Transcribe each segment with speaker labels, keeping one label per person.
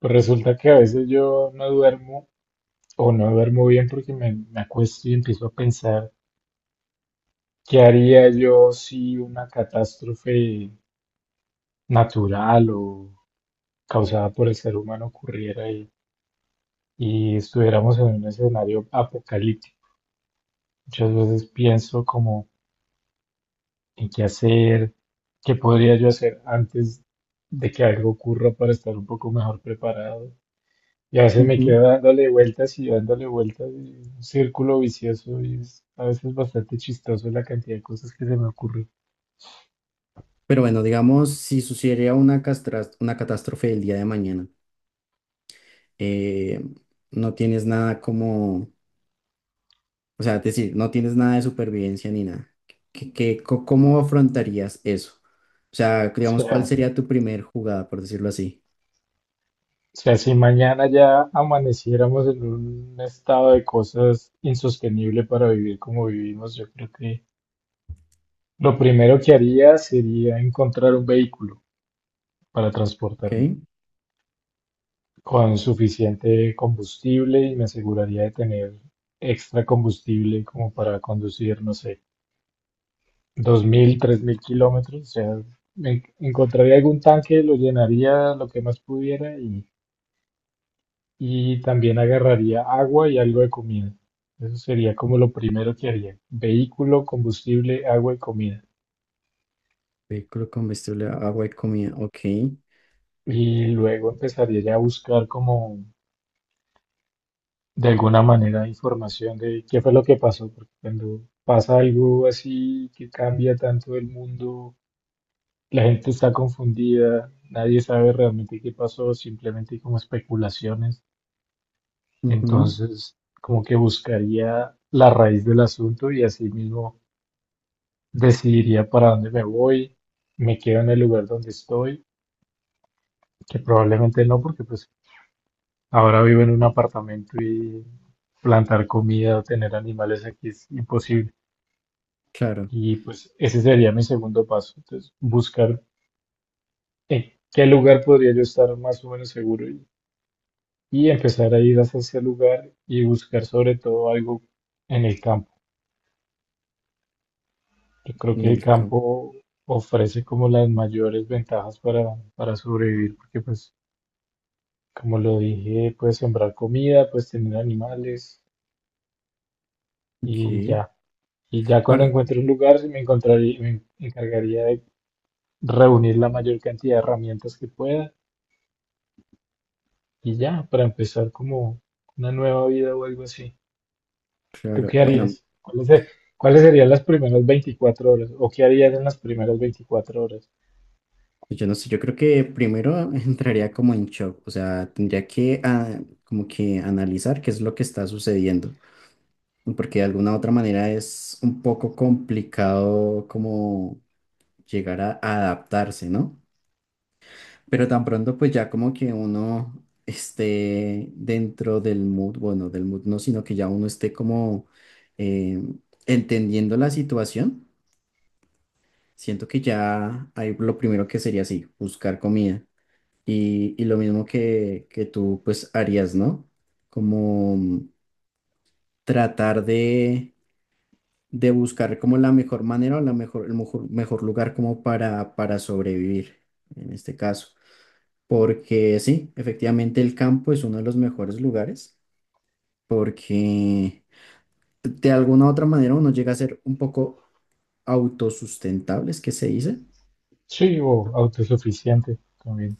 Speaker 1: Pues resulta que a veces yo no duermo o no duermo bien porque me acuesto y empiezo a pensar qué haría yo si una catástrofe natural o causada por el ser humano ocurriera y estuviéramos en un escenario apocalíptico. Muchas veces pienso como en qué hacer, qué podría yo hacer antes de que algo ocurra para estar un poco mejor preparado. Y a veces me
Speaker 2: Ujú.
Speaker 1: quedo dándole vueltas, y un círculo vicioso y es a veces bastante chistoso la cantidad de cosas que se me ocurren.
Speaker 2: Pero bueno, digamos, si sucediera una catástrofe el día de mañana, eh, no tienes nada como, o sea, es decir, no tienes nada de supervivencia ni nada. ¿ Cómo afrontarías eso? O sea,
Speaker 1: O
Speaker 2: digamos,
Speaker 1: sea,
Speaker 2: ¿cuál
Speaker 1: o
Speaker 2: sería tu primer jugada, por decirlo así?
Speaker 1: sea, si mañana ya amaneciéramos en un estado de cosas insostenible para vivir como vivimos, yo creo que lo primero que haría sería encontrar un vehículo para
Speaker 2: ¿Ok?
Speaker 1: transportarme con suficiente combustible y me aseguraría de tener extra combustible como para conducir, no sé 2.000, 3.000 kilómetros. O sea, encontraría algún tanque, lo llenaría lo que más pudiera y también agarraría agua y algo de comida. Eso sería como lo primero que haría. Vehículo, combustible, agua y comida.
Speaker 2: Vehículo, combustible, agua y comida. Ok.
Speaker 1: Y luego empezaría ya a buscar como de alguna manera información de qué fue lo que pasó, porque cuando pasa algo así que cambia tanto el mundo, la gente está confundida, nadie sabe realmente qué pasó, simplemente hay como especulaciones.
Speaker 2: Ujú.
Speaker 1: Entonces, como que buscaría la raíz del asunto y así mismo decidiría para dónde me voy, me quedo en el lugar donde estoy, que probablemente no, porque pues ahora vivo en un apartamento y plantar comida o tener animales aquí es imposible.
Speaker 2: Claro,
Speaker 1: Y pues ese sería mi segundo paso. Entonces, buscar en qué lugar podría yo estar más o menos seguro y empezar a ir hacia ese lugar y buscar sobre todo algo en el campo. Yo creo
Speaker 2: en
Speaker 1: que el
Speaker 2: el campo.
Speaker 1: campo ofrece como las mayores ventajas para sobrevivir, porque pues, como lo dije, puedes sembrar comida, puedes tener animales y
Speaker 2: Ok.
Speaker 1: ya. Y ya cuando
Speaker 2: Para,
Speaker 1: encuentre un lugar, me encargaría de reunir la mayor cantidad de herramientas que pueda y ya, para empezar como una nueva vida o algo así. ¿Tú
Speaker 2: claro.
Speaker 1: qué
Speaker 2: Bueno,
Speaker 1: harías? ¿Cuáles serían las primeras 24 horas? ¿O qué harías en las primeras 24 horas?
Speaker 2: pues yo no sé, yo creo que primero entraría como en shock, o sea, tendría que como que analizar qué es lo que está sucediendo, porque de alguna otra manera es un poco complicado como llegar a adaptarse, ¿no? Pero tan pronto pues ya como que uno esté dentro del mood, bueno, del mood no, sino que ya uno esté como eh, entendiendo la situación, siento que ya hay lo primero que sería así, buscar comida. Y lo mismo que tú pues harías, ¿no? Como tratar de buscar como la mejor manera o la mejor, el mejor, mejor lugar como para sobrevivir en este caso. Porque sí, efectivamente el campo es uno de los mejores lugares porque de alguna u otra manera uno llega a ser un poco autosustentable, es que se dice.
Speaker 1: Sí, o autosuficiente también.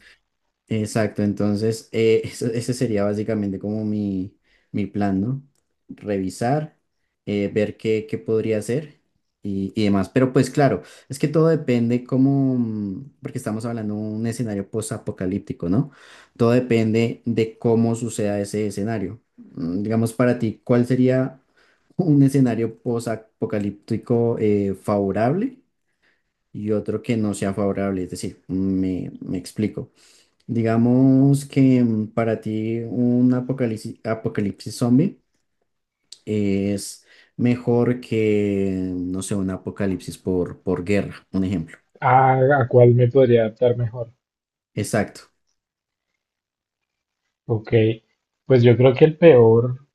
Speaker 2: Exacto, entonces ese sería básicamente como mi plan, ¿no? Revisar, ver qué, qué podría hacer y demás. Pero pues claro, es que todo depende como, porque estamos hablando de un escenario post-apocalíptico, ¿no? Todo depende de cómo suceda ese escenario. Digamos para ti, ¿cuál sería un escenario post-apocalíptico favorable y otro que no sea favorable? Es decir, me explico. Digamos que para ti un apocalipsis zombie es mejor que, no sé, un apocalipsis por guerra, un ejemplo.
Speaker 1: Ah, ¿a cuál me podría adaptar mejor?
Speaker 2: Exacto.
Speaker 1: Ok, pues yo creo que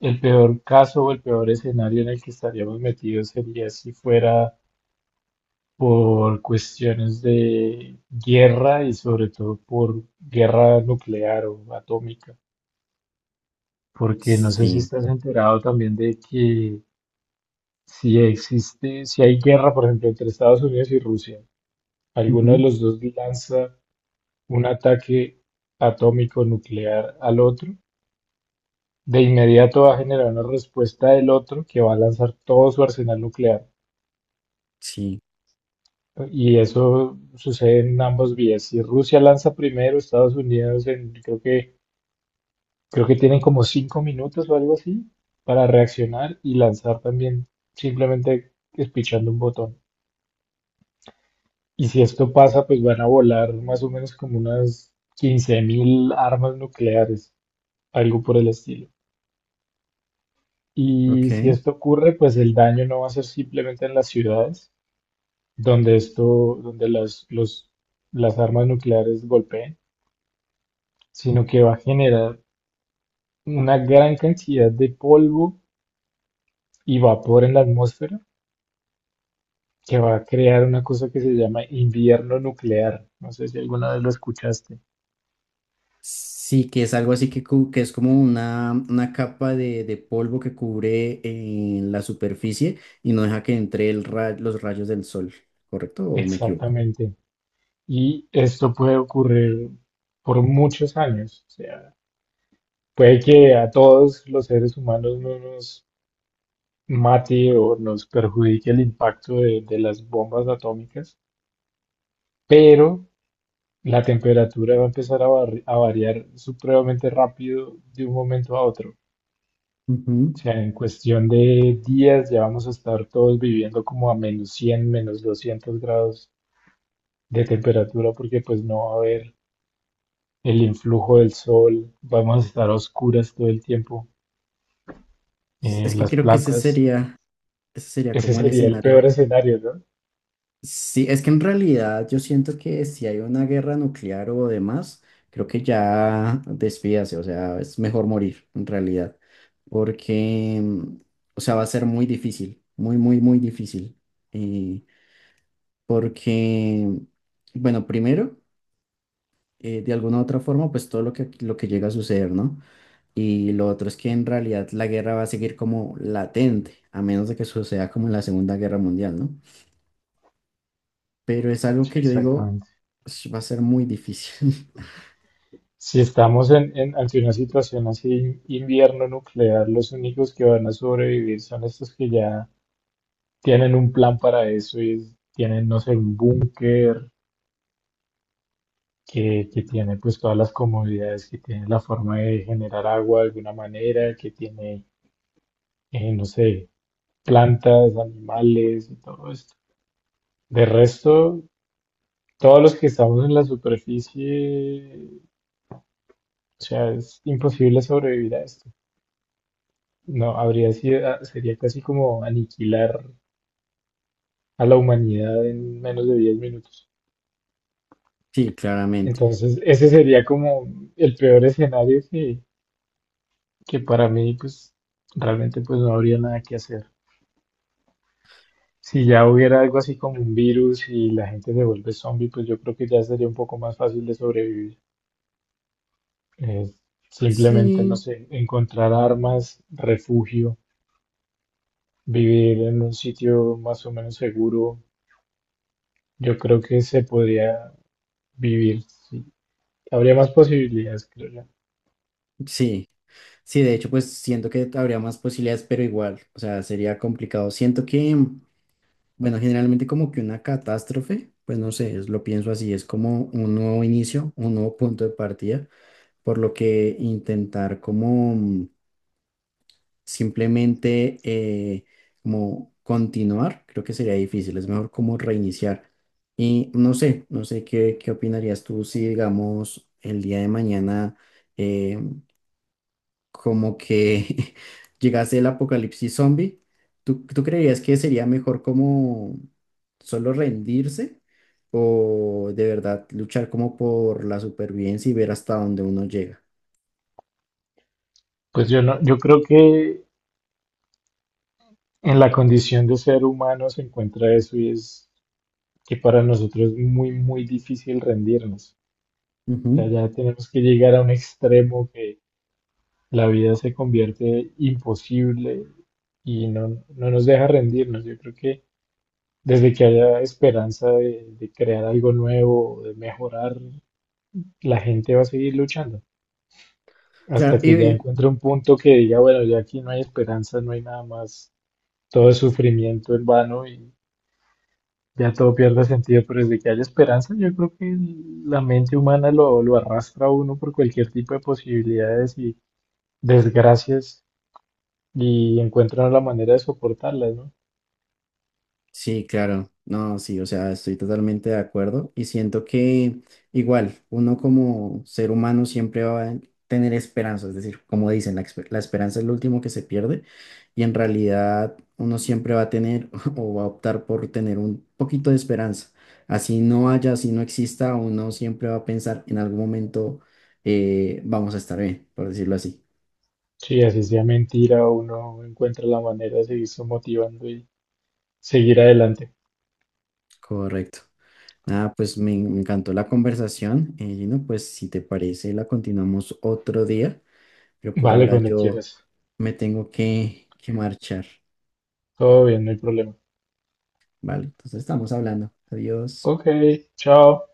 Speaker 1: el peor caso o el peor escenario en el que estaríamos metidos sería si fuera por cuestiones de guerra y sobre todo por guerra nuclear o atómica, porque no sé si
Speaker 2: Sí.
Speaker 1: estás enterado también de que si existe, si hay guerra, por ejemplo, entre Estados Unidos y Rusia, alguno de
Speaker 2: Ujú.
Speaker 1: los dos lanza un ataque atómico nuclear al otro. De inmediato va a generar una respuesta del otro que va a lanzar todo su arsenal nuclear.
Speaker 2: Sí.
Speaker 1: Y eso sucede en ambos vías. Si Rusia lanza primero, Estados Unidos creo que tienen como 5 minutos o algo así para reaccionar y lanzar también simplemente espichando un botón. Y si esto pasa, pues van a volar más o menos como unas 15.000 armas nucleares, algo por el estilo. Y si
Speaker 2: Ok.
Speaker 1: esto ocurre, pues el daño no va a ser simplemente en las ciudades, donde las armas nucleares golpeen, sino que va a generar una gran cantidad de polvo y vapor en la atmósfera que va a crear una cosa que se llama invierno nuclear. No sé si alguna vez lo escuchaste.
Speaker 2: Sí, que es algo así que es como una capa de polvo que cubre la superficie y no deja que entre los rayos del sol, ¿correcto? ¿O me equivoco?
Speaker 1: Exactamente. Y esto puede ocurrir por muchos años. O sea, puede que a todos los seres humanos no nos mate o nos perjudique el impacto de las bombas atómicas, pero la temperatura va a empezar a variar supremamente rápido de un momento a otro.
Speaker 2: Ujú.
Speaker 1: O sea, en cuestión de días ya vamos a estar todos viviendo como a menos 100 menos 200 grados de temperatura porque pues no va a haber el influjo del sol, vamos a estar a oscuras todo el tiempo.
Speaker 2: Es que
Speaker 1: Las
Speaker 2: creo que
Speaker 1: plantas,
Speaker 2: ese sería
Speaker 1: ese
Speaker 2: como el
Speaker 1: sería el peor
Speaker 2: escenario.
Speaker 1: escenario, ¿no?
Speaker 2: Sí, es que en realidad yo siento que si hay una guerra nuclear o demás, creo que ya despídase, o sea, es mejor morir en realidad, porque, o sea, va a ser muy difícil, muy, muy, muy difícil, eh, porque, bueno, primero, de alguna u otra forma, pues todo lo lo que llega a suceder, ¿no? Y lo otro es que en realidad la guerra va a seguir como latente, a menos de que suceda como en la Segunda Guerra Mundial, ¿no? Pero es algo
Speaker 1: Sí,
Speaker 2: que yo digo,
Speaker 1: exactamente.
Speaker 2: "Ush, va a ser muy difícil".
Speaker 1: Si estamos ante una situación así, invierno nuclear, los únicos que van a sobrevivir son estos que ya tienen un plan para eso y tienen, no sé, un búnker que tiene pues todas las comodidades, que tiene la forma de generar agua de alguna manera, que tiene, no sé, plantas, animales y todo esto. De resto, todos los que estamos en la superficie, o sea, es imposible sobrevivir a esto. No, habría sido, ah, sería casi como aniquilar a la humanidad en menos de 10 minutos.
Speaker 2: Sí, claramente.
Speaker 1: Entonces, ese sería como el peor escenario que para mí pues realmente pues no habría nada que hacer. Si ya hubiera algo así como un virus y la gente se vuelve zombie, pues yo creo que ya sería un poco más fácil de sobrevivir. Eh, Simplemente, no
Speaker 2: Sí,
Speaker 1: sé, encontrar armas, refugio, vivir en un sitio más o menos seguro. Yo creo que se podría vivir, sí. Habría más posibilidades, creo yo.
Speaker 2: sí, sí, de hecho, pues siento que habría más posibilidades, pero igual, o sea, sería complicado. Siento que, bueno, generalmente como que una catástrofe, pues no sé, lo pienso así, es como un nuevo inicio, un nuevo punto de partida, por lo que intentar como simplemente como continuar, creo que sería difícil, es mejor como reiniciar. Y no sé, no sé qué, qué opinarías tú si, digamos, el día de mañana eh, como que llegase el apocalipsis zombie, ¿tú creerías que sería mejor como solo rendirse o de verdad luchar como por la supervivencia y ver hasta dónde uno llega?
Speaker 1: Pues yo no, yo creo que en la condición de ser humano se encuentra eso y es que para nosotros es muy, muy difícil rendirnos. O sea,
Speaker 2: Ujú.
Speaker 1: ya tenemos que llegar a un extremo que la vida se convierte imposible y no nos deja rendirnos. Yo creo que desde que haya esperanza de crear algo nuevo, de mejorar, la gente va a seguir luchando
Speaker 2: Claro.
Speaker 1: hasta que ya
Speaker 2: Y
Speaker 1: encuentre un punto que diga, bueno, ya aquí no hay esperanza, no hay nada más, todo es sufrimiento en vano y ya todo pierde sentido, pero desde que haya esperanza, yo creo que la mente humana lo arrastra a uno por cualquier tipo de posibilidades y desgracias y encuentra la manera de soportarlas, ¿no?
Speaker 2: sí, claro. No, sí, o sea, estoy totalmente de acuerdo y siento que igual uno como ser humano siempre va a tener esperanza, es decir, como dicen, la esperanza es lo último que se pierde y en realidad uno siempre va a tener o va a optar por tener un poquito de esperanza. Así no haya, así no exista, uno siempre va a pensar en algún momento vamos a estar bien, por decirlo así.
Speaker 1: Sí, así sea mentira, uno encuentra la manera de seguirse motivando y seguir adelante.
Speaker 2: Correcto. Ah, pues me encantó la conversación, Gino. Pues si te parece, la continuamos otro día, pero por
Speaker 1: Vale,
Speaker 2: ahora
Speaker 1: cuando
Speaker 2: yo
Speaker 1: quieras.
Speaker 2: me tengo que marchar,
Speaker 1: Todo bien, no hay problema.
Speaker 2: ¿vale? Entonces estamos hablando. Adiós.
Speaker 1: Ok, chao.